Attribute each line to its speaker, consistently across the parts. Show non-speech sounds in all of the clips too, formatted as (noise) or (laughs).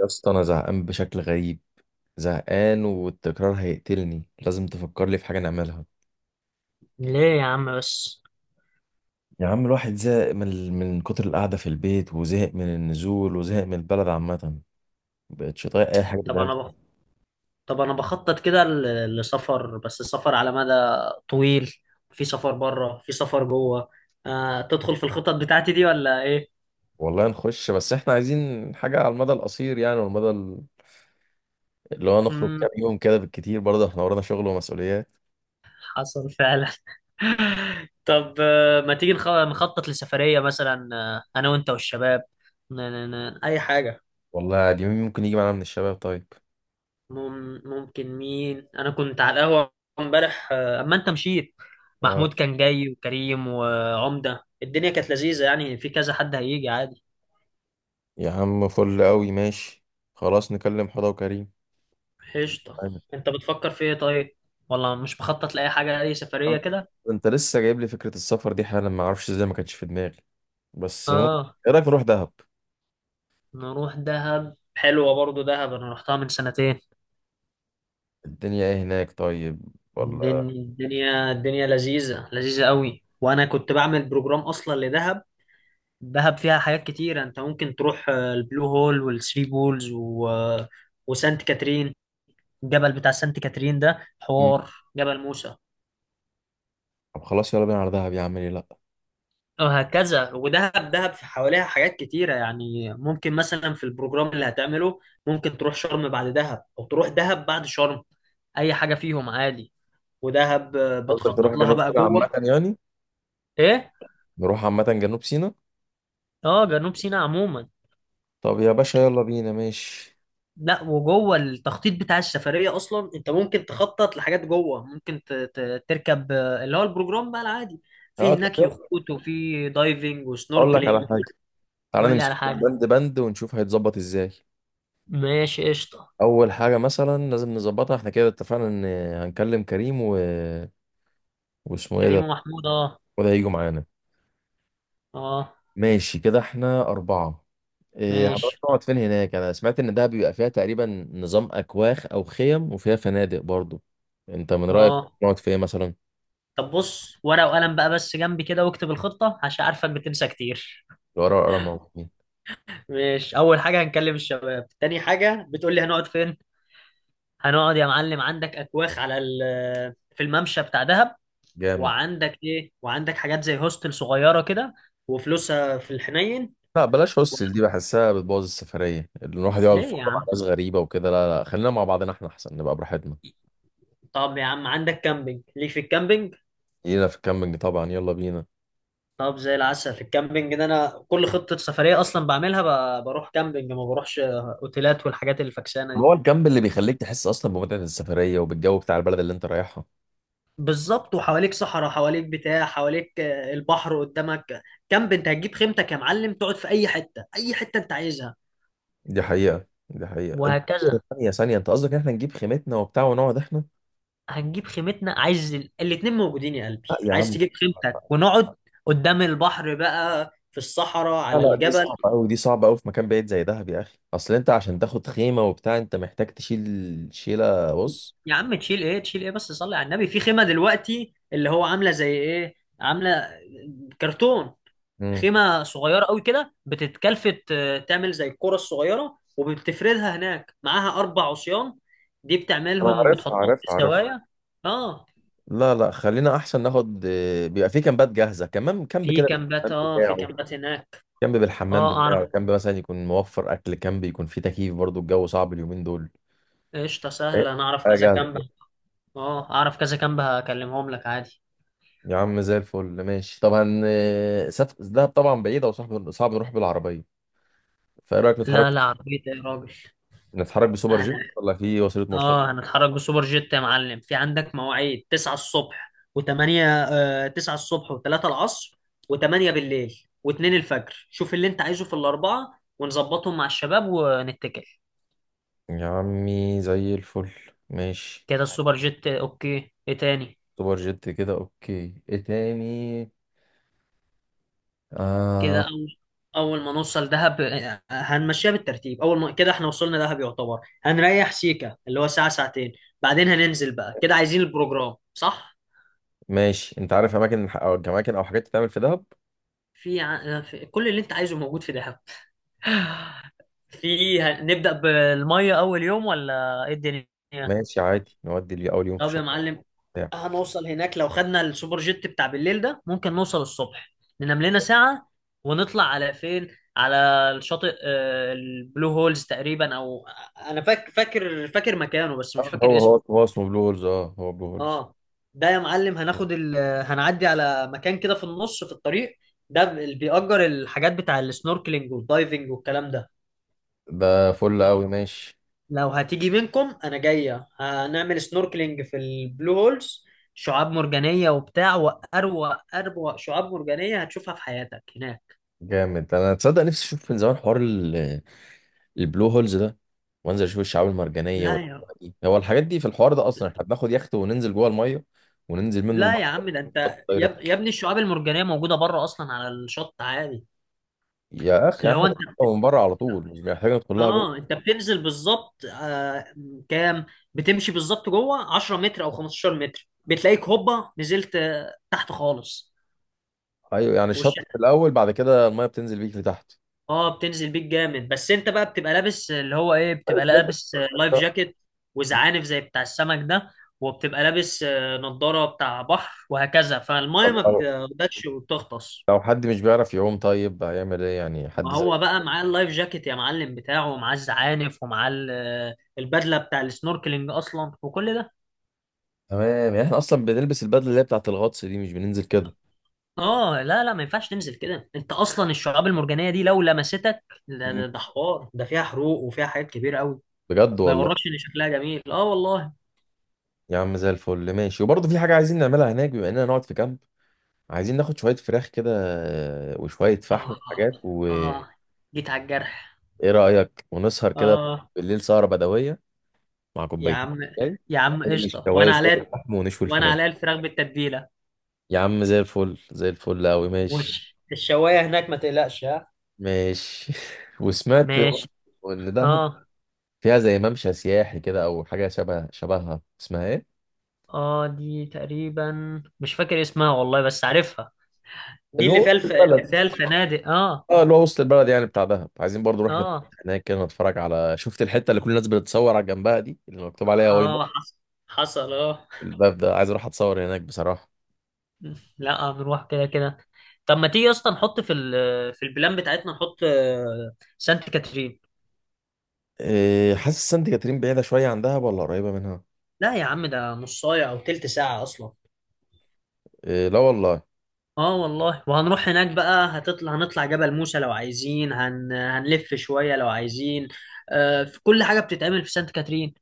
Speaker 1: يا اسطى، انا زهقان بشكل غريب. زهقان، والتكرار هيقتلني. لازم تفكر لي في حاجه نعملها.
Speaker 2: ليه يا عم بس؟
Speaker 1: يا عم، الواحد زهق من كتر القعده في البيت، وزهق من النزول، وزهق من البلد عامه. مبقتش طايق اي حاجه
Speaker 2: طب
Speaker 1: تتعمل.
Speaker 2: انا بخ... طب انا بخطط كده لسفر، بس السفر على مدى طويل. في سفر بره، في سفر جوه. تدخل في الخطط بتاعتي دي ولا ايه؟
Speaker 1: والله نخش، بس احنا عايزين حاجه على المدى القصير يعني، والمدى اللي هو نخرج
Speaker 2: امم
Speaker 1: كام يوم كده بالكتير، برضه احنا ورانا شغل ومسؤوليات.
Speaker 2: حصل فعلا (laughs) طب ما تيجي نخطط لسفرية مثلا، انا وانت والشباب. اي حاجة.
Speaker 1: والله، دي مين ممكن يجي معانا من الشباب طيب؟
Speaker 2: ممكن مين؟ انا كنت على القهوة امبارح اما انت مشيت.
Speaker 1: يا
Speaker 2: محمود كان جاي وكريم وعمدة، الدنيا كانت لذيذة يعني. في كذا حد هيجي عادي.
Speaker 1: يا عم، فل قوي. ماشي. خلاص، نكلم حضا وكريم.
Speaker 2: قشطة.
Speaker 1: طيب.
Speaker 2: انت بتفكر في ايه طيب؟ ولا مش مخطط لأي حاجة، أي سفرية كده؟
Speaker 1: انت لسه جايب لي فكرة السفر دي حالا، ما اعرفش ازاي ما كانتش في دماغي. بس ممكن.
Speaker 2: اه.
Speaker 1: ايه رأيك نروح دهب؟
Speaker 2: نروح دهب، حلوة برضو دهب، أنا رحتها من سنتين.
Speaker 1: الدنيا ايه هناك طيب؟ ولا؟
Speaker 2: الدنيا الدنيا الدنيا لذيذة لذيذة قوي، وأنا كنت بعمل بروجرام أصلا لدهب. دهب فيها حاجات كتيرة، انت ممكن تروح البلو هول والثري بولز وسانت كاترين. الجبل بتاع سانت كاترين ده
Speaker 1: مم.
Speaker 2: حوار. جبل موسى.
Speaker 1: طب خلاص، يلا بينا على دهب يا عم، ليه لا؟
Speaker 2: وهكذا، ودهب دهب في حواليها حاجات كتيرة يعني. ممكن مثلا في البروجرام اللي هتعمله ممكن تروح شرم بعد دهب أو تروح دهب بعد شرم، أي حاجة فيهم عادي. ودهب
Speaker 1: قصدك نروح
Speaker 2: بتخطط لها
Speaker 1: جنوب
Speaker 2: بقى
Speaker 1: سيناء عامة
Speaker 2: جوه.
Speaker 1: يعني؟
Speaker 2: إيه؟
Speaker 1: نروح عامة جنوب سيناء.
Speaker 2: آه، جنوب سيناء عموما.
Speaker 1: طب يا باشا، يلا بينا. ماشي.
Speaker 2: لا، وجوه التخطيط بتاع السفرية أصلا، أنت ممكن تخطط لحاجات جوه، ممكن تركب اللي هو البروجرام بقى العادي.
Speaker 1: اه،
Speaker 2: في
Speaker 1: طب
Speaker 2: هناك
Speaker 1: يلا.
Speaker 2: يخوت، وفي دايفنج
Speaker 1: اقول لك على
Speaker 2: وسنوركلينج.
Speaker 1: حاجة. تعالى
Speaker 2: قول لي على
Speaker 1: نمسك
Speaker 2: حاجة.
Speaker 1: بند بند ونشوف هيتظبط ازاي.
Speaker 2: ماشي قشطة.
Speaker 1: اول حاجة مثلا لازم نظبطها، احنا كده اتفقنا ان هنكلم كريم و واسمه ايه
Speaker 2: كريم
Speaker 1: ده؟
Speaker 2: ومحمود آه.
Speaker 1: وده هيجوا معانا.
Speaker 2: آه.
Speaker 1: ماشي كده، احنا أربعة. إيه، هنروح
Speaker 2: ماشي.
Speaker 1: نقعد فين هناك؟ انا سمعت ان ده بيبقى فيها تقريبا نظام اكواخ او خيم، وفيها فنادق برضو. انت من رايك،
Speaker 2: اه
Speaker 1: نقعد فين مثلا؟
Speaker 2: طب بص، ورقة وقلم بقى بس جنبي كده واكتب الخطة عشان عارفك بتنسى كتير.
Speaker 1: لو ورا ورا موجودين.
Speaker 2: (laughs) ماشي. أول حاجة هنكلم الشباب. تاني حاجة بتقول لي هنقعد فين؟ هنقعد يا معلم عندك أكواخ على في الممشى بتاع دهب.
Speaker 1: جامد.
Speaker 2: وعندك إيه؟ وعندك حاجات زي هوستل صغيرة كده، وفلوسها في الحنين.
Speaker 1: لا، بلاش هوستل. دي بحسها بتبوظ السفريه، اللي الواحد يقعد
Speaker 2: ليه
Speaker 1: في
Speaker 2: يا
Speaker 1: أوضة مع
Speaker 2: عم؟
Speaker 1: ناس غريبه وكده. لا لا، خلينا مع بعضنا احنا احسن نبقى براحتنا.
Speaker 2: طب يا عم عندك كامبينج، ليك في الكامبينج.
Speaker 1: لينا في الكامبينج طبعا، يلا بينا.
Speaker 2: طب زي العسل. في الكامبينج ده انا كل خطة سفرية اصلا بعملها، بروح كامبينج، ما بروحش اوتيلات والحاجات الفكسانة دي.
Speaker 1: هو الكامب اللي بيخليك تحس اصلا بمتعه السفريه وبالجو بتاع البلد اللي انت رايحها.
Speaker 2: بالظبط، وحواليك صحراء، حواليك بتاع، حواليك البحر قدامك. كامب، انت هتجيب خيمتك يا معلم، تقعد في اي حته، اي حته انت عايزها.
Speaker 1: دي حقيقه، دي حقيقه ثانيه.
Speaker 2: وهكذا.
Speaker 1: ثانيه ثانية، انت قصدك ان احنا نجيب خيمتنا وبتاع ونقعد احنا؟
Speaker 2: هنجيب خيمتنا، عايز الاتنين موجودين يا قلبي،
Speaker 1: لا يا
Speaker 2: عايز
Speaker 1: عم.
Speaker 2: تجيب خيمتك ونقعد قدام البحر بقى، في الصحراء،
Speaker 1: لا
Speaker 2: على
Speaker 1: لا، دي
Speaker 2: الجبل.
Speaker 1: صعبة أوي. دي صعبة أوي في مكان بعيد زي دهب يا أخي. أصل أنت عشان تاخد خيمة وبتاع أنت محتاج تشيل شيلة. بص.
Speaker 2: يا عم تشيل ايه، تشيل ايه بس؟ صلي على النبي، في خيمه دلوقتي اللي هو عامله زي ايه، عامله كرتون.
Speaker 1: مم.
Speaker 2: خيمه صغيره قوي كده بتتكلفت تعمل زي الكره الصغيره، وبتفردها هناك، معاها اربع عصيان دي
Speaker 1: انا
Speaker 2: بتعملهم
Speaker 1: عارفها
Speaker 2: بتحطهم في
Speaker 1: عارفها عارفها.
Speaker 2: الزوايا. اه
Speaker 1: لا لا، خلينا أحسن ناخد، بيبقى في كامبات جاهزة كمان. كامب
Speaker 2: في
Speaker 1: كده
Speaker 2: كامبات،
Speaker 1: الكلام
Speaker 2: اه في
Speaker 1: بتاعه،
Speaker 2: كامبات هناك.
Speaker 1: كامب بالحمام
Speaker 2: اه
Speaker 1: بتاعه،
Speaker 2: اعرف.
Speaker 1: كامب مثلا يكون موفر أكل، كامب يكون فيه تكييف. برضو الجو صعب اليومين دول.
Speaker 2: قشطه
Speaker 1: إيه؟
Speaker 2: سهله، انا اعرف
Speaker 1: حاجه
Speaker 2: كذا كامب.
Speaker 1: جاهزه.
Speaker 2: اه اعرف كذا كامب هكلمهم لك عادي.
Speaker 1: يا عم زي الفل. ماشي طبعا. دهب طبعا بعيدة، وصعب صعب نروح بالعربية. فإيه رأيك نتحرك؟
Speaker 2: لا لا، عربية ايه يا راجل.
Speaker 1: نتحرك بسوبر جيت ولا في وسيلة مواصلات؟
Speaker 2: اه هنتحرك بسوبر جيت يا معلم. في عندك مواعيد 9 الصبح و8، آه 9 الصبح و3 العصر و8 بالليل و2 الفجر. شوف اللي انت عايزه في الاربعه ونظبطهم مع الشباب ونتكل.
Speaker 1: يا عمي زي الفل. ماشي.
Speaker 2: كده السوبر جيت اوكي. ايه تاني؟
Speaker 1: سوبر جيت كده اوكي. ايه تاني؟
Speaker 2: كده
Speaker 1: آه.
Speaker 2: اول، اول ما نوصل دهب هنمشيها بالترتيب. اول ما كده احنا وصلنا دهب يعتبر هنريح سيكا اللي هو ساعه ساعتين، بعدين هننزل بقى كده. عايزين البروجرام صح؟
Speaker 1: ماشي. انت عارف اماكن، او اماكن او حاجات تتعمل في دهب؟
Speaker 2: في, ع... آه، في كل اللي انت عايزه موجود في دهب. نبدأ بالمية أول يوم ولا إيه الدنيا؟
Speaker 1: ماشي عادي، نودي لي اول يوم في
Speaker 2: طب يا
Speaker 1: شط
Speaker 2: معلم
Speaker 1: بتاع،
Speaker 2: هنوصل هناك لو خدنا السوبر جيت بتاع بالليل ده، ممكن نوصل الصبح، ننام لنا ساعة ونطلع على فين؟ على الشاطئ البلو هولز تقريبا، أو فاكر مكانه بس مش فاكر
Speaker 1: هو هو
Speaker 2: اسمه.
Speaker 1: هو اسمه بلو هولز. اه، هو بلو هولز.
Speaker 2: آه. ده يا معلم هناخد هنعدي على مكان كده في النص في الطريق، ده اللي بيأجر الحاجات بتاع السنوركلينج والدايفنج والكلام ده.
Speaker 1: ده فل قوي. ماشي.
Speaker 2: لو هتيجي منكم انا جايه، هنعمل سنوركلينج في البلو هولز، شعاب مرجانيه وبتاع، واروق اروق شعاب مرجانيه هتشوفها في حياتك هناك.
Speaker 1: جامد. انا تصدق نفسي اشوف من زمان حوار البلو هولز ده، وانزل اشوف الشعاب المرجانيه
Speaker 2: لا يا.
Speaker 1: والأجواء دي. هو الحاجات دي في الحوار ده اصلا؟ احنا بناخد يخت وننزل جوه الميه، وننزل منه
Speaker 2: لا يا عم ده انت. يا,
Speaker 1: البحر؟
Speaker 2: يا ابني الشعاب المرجانيه موجوده بره اصلا على الشط عادي.
Speaker 1: يا اخي
Speaker 2: اللي هو
Speaker 1: احنا
Speaker 2: انت
Speaker 1: بنشربها
Speaker 2: بت...
Speaker 1: من بره على طول، مش محتاج ندخل لها
Speaker 2: اه
Speaker 1: جوه.
Speaker 2: انت بتنزل بالظبط كام، بتمشي بالظبط جوه 10 متر او 15 متر بتلاقيك هوبا نزلت تحت خالص.
Speaker 1: ايوه، يعني الشط في الاول، بعد كده الميه بتنزل بيك لتحت.
Speaker 2: اه بتنزل بيك جامد، بس انت بقى بتبقى لابس اللي هو ايه، بتبقى
Speaker 1: طيب ليه
Speaker 2: لابس لايف
Speaker 1: كده؟
Speaker 2: جاكيت وزعانف زي بتاع السمك ده، وبتبقى لابس نضارة بتاع بحر وهكذا، فالمية
Speaker 1: طب
Speaker 2: ما بتاخدكش وبتغطس.
Speaker 1: لو حد مش بيعرف يعوم طيب هيعمل ايه يعني؟ حد
Speaker 2: ما
Speaker 1: زي.
Speaker 2: هو بقى معاه اللايف جاكيت يا معلم بتاعه، ومعاه الزعانف، ومعاه البدلة بتاع السنوركلينج اصلا وكل ده.
Speaker 1: تمام، يعني احنا اصلا بنلبس البدله اللي هي بتاعت الغطس دي، مش بننزل كده؟
Speaker 2: اه لا لا ما ينفعش تنزل كده، انت اصلا الشعاب المرجانية دي لو لمستك
Speaker 1: مم.
Speaker 2: ده حوار، ده فيها حروق وفيها حاجات كبيرة قوي.
Speaker 1: بجد
Speaker 2: ما
Speaker 1: والله.
Speaker 2: يغركش ان شكلها جميل، اه والله.
Speaker 1: يا عم زي الفل. ماشي، وبرضه في حاجه عايزين نعملها هناك بما اننا نقعد في كامب. عايزين ناخد شويه فراخ كده، وشويه فحم
Speaker 2: آه.
Speaker 1: وحاجات، وايه
Speaker 2: آه، جيت على الجرح.
Speaker 1: رايك ونسهر كده
Speaker 2: آه.
Speaker 1: بالليل سهره بدويه، مع
Speaker 2: يا
Speaker 1: كوباية
Speaker 2: عم،
Speaker 1: شاي؟
Speaker 2: يا عم
Speaker 1: ماشي،
Speaker 2: قشطة
Speaker 1: شوية
Speaker 2: وأنا
Speaker 1: شوية
Speaker 2: عليا.
Speaker 1: اللحم ونشوي
Speaker 2: وأنا
Speaker 1: الفراخ.
Speaker 2: عليا الفراخ بالتتبيلة.
Speaker 1: يا عم زي الفل زي الفل أوي. ماشي.
Speaker 2: وش الشواية هناك ما تقلقش ها.
Speaker 1: ماشي. (laughs) وسمعت
Speaker 2: ماشي.
Speaker 1: إن دهب
Speaker 2: آه.
Speaker 1: فيها زي ممشى سياحي كده أو حاجة شبهها، اسمها إيه؟
Speaker 2: آه دي تقريبا مش فاكر اسمها والله بس عارفها. دي
Speaker 1: اللي
Speaker 2: اللي
Speaker 1: هو
Speaker 2: فيها
Speaker 1: وسط
Speaker 2: اللي
Speaker 1: البلد.
Speaker 2: فيها الفنادق آه.
Speaker 1: اه، اللي هو وسط البلد يعني بتاع دهب. عايزين برضو نروح
Speaker 2: آه.
Speaker 1: هناك كده نتفرج. على، شفت الحتة اللي كل الناس بتتصور على جنبها دي، اللي مكتوب عليها واي نوت؟
Speaker 2: آه حصل. حصل آه.
Speaker 1: الباب ده، عايز أروح أتصور هناك بصراحة.
Speaker 2: لا هنروح كده كده. طب ما تيجي أصلا نحط في في البلان بتاعتنا نحط سانت كاترين.
Speaker 1: إيه حاسس سانت كاترين بعيدة شوية عن دهب ولا قريبة منها؟
Speaker 2: لا يا عم ده نص ساعة أو تلت ساعة أصلا.
Speaker 1: إيه؟ لا والله.
Speaker 2: اه والله، وهنروح هناك بقى، هتطلع، هنطلع جبل موسى لو عايزين، هنلف شوية لو عايزين. آه في كل حاجة بتتعمل في سانت كاترين.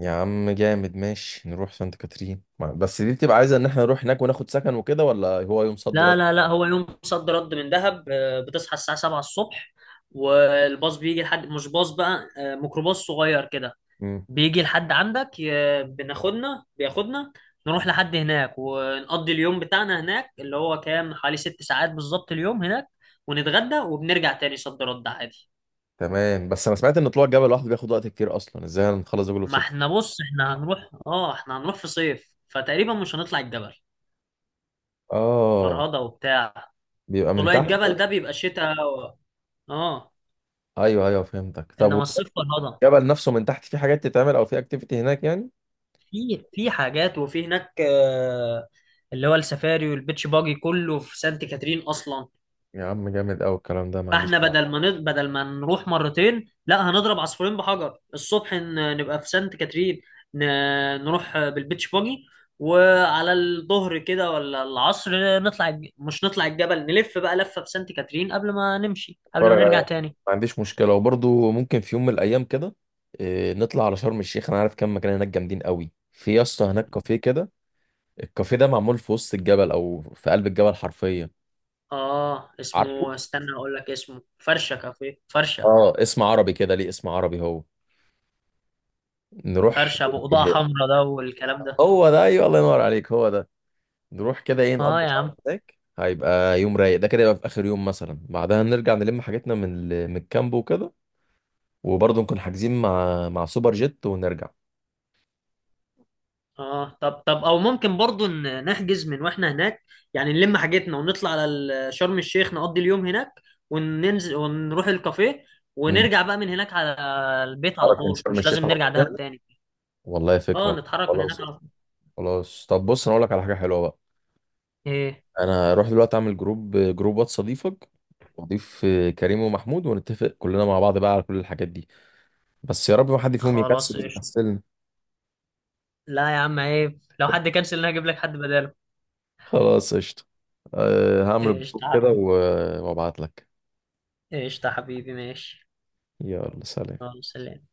Speaker 1: يا عم جامد. ماشي، نروح سانت كاترين. بس دي بتبقى عايزة ان احنا نروح هناك وناخد سكن وكده، ولا هو يوم صد رد؟
Speaker 2: لا لا لا هو يوم صد رد من دهب، آه بتصحى الساعة 7 الصبح، والباص بيجي لحد، مش باص بقى آه ميكروباص صغير كده،
Speaker 1: مم.
Speaker 2: بيجي لحد عندك بناخدنا، بياخدنا نروح لحد هناك ونقضي اليوم بتاعنا هناك، اللي هو كام حوالي ست ساعات بالظبط اليوم هناك، ونتغدى وبنرجع تاني صد رد عادي.
Speaker 1: تمام، بس انا سمعت ان طلوع الجبل لوحده بياخد وقت كتير. اصلا ازاي هنخلص ده كله في
Speaker 2: ما احنا
Speaker 1: ستة؟
Speaker 2: بص، احنا هنروح في صيف، فتقريبا مش هنطلع الجبل،
Speaker 1: اه،
Speaker 2: فرهضة وبتاع.
Speaker 1: بيبقى من
Speaker 2: طلوع
Speaker 1: تحت.
Speaker 2: الجبل ده
Speaker 1: (laughs)
Speaker 2: بيبقى شتاء اه.
Speaker 1: ايوه ايوه، فهمتك. طب،
Speaker 2: انما الصيف فرهضة.
Speaker 1: والجبل نفسه من تحت في حاجات تتعمل، او في اكتيفيتي هناك يعني؟
Speaker 2: في حاجات، وفي هناك اللي هو السفاري والبيتش باجي كله في سانت كاترين اصلا.
Speaker 1: يا عم جامد قوي الكلام ده. ما عنديش،
Speaker 2: فاحنا بدل ما نروح مرتين، لا هنضرب عصفورين بحجر، الصبح نبقى في سانت كاترين، ن- نروح بالبيتش باجي، وعلى الظهر كده ولا العصر مش نطلع الجبل، نلف بقى لفة في سانت كاترين قبل ما نمشي، قبل ما
Speaker 1: اتفرج
Speaker 2: نرجع
Speaker 1: عليه،
Speaker 2: تاني.
Speaker 1: ما عنديش مشكلة. وبرضه ممكن في يوم من الايام كده، نطلع على شرم الشيخ. انا عارف كام مكان هناك جامدين قوي. في يا اسطى هناك كافيه كده، الكافيه ده معمول في وسط الجبل، او في قلب الجبل حرفيا.
Speaker 2: اه اسمه،
Speaker 1: عارفه.
Speaker 2: استنى اقول لك اسمه، فرشة كافيه فرشة.
Speaker 1: اه، اسم عربي كده، ليه اسم عربي هو؟ نروح.
Speaker 2: فرشة بقضاء
Speaker 1: آه،
Speaker 2: حمراء ده والكلام ده.
Speaker 1: هو ده. ايوه، الله ينور عليك، هو ده. نروح كده، ايه،
Speaker 2: اه
Speaker 1: نقضي
Speaker 2: يا
Speaker 1: سهرة
Speaker 2: عم.
Speaker 1: هناك، هيبقى يوم رايق ده كده. يبقى في اخر يوم مثلا بعدها نرجع نلم حاجتنا من الكامب وكده. وبرضه نكون حاجزين مع سوبر جيت ونرجع.
Speaker 2: اه طب طب، او ممكن برضو نحجز من واحنا هناك، يعني نلم حاجتنا ونطلع على شرم الشيخ نقضي اليوم هناك، وننزل ونروح الكافيه
Speaker 1: امم.
Speaker 2: ونرجع بقى من هناك على البيت على
Speaker 1: حركة من
Speaker 2: طول،
Speaker 1: شرم
Speaker 2: مش
Speaker 1: الشيخ
Speaker 2: لازم
Speaker 1: على
Speaker 2: نرجع
Speaker 1: طول
Speaker 2: دهب
Speaker 1: يعني؟
Speaker 2: تاني.
Speaker 1: والله،
Speaker 2: اه
Speaker 1: فكرة.
Speaker 2: نتحرك من هناك
Speaker 1: خلاص.
Speaker 2: على طول.
Speaker 1: خلاص، طب بص، انا اقول لك على حاجة حلوة بقى.
Speaker 2: ايه.
Speaker 1: انا هروح دلوقتي اعمل جروب واتس، اضيفك واضيف كريم ومحمود، ونتفق كلنا مع بعض بقى على كل الحاجات دي. بس يا رب ما حد فيهم
Speaker 2: خلاص قشطة.
Speaker 1: يكسلني.
Speaker 2: لا يا عم عيب، لو حد كنسل انا هجيب لك حد بداله.
Speaker 1: خلاص قشطة. أه، هعمل الجروب
Speaker 2: قشطة يا
Speaker 1: كده وابعت لك.
Speaker 2: حبيبي. قشطة يا حبيبي ماشي.
Speaker 1: يلا، سلام.
Speaker 2: خلاص سلام.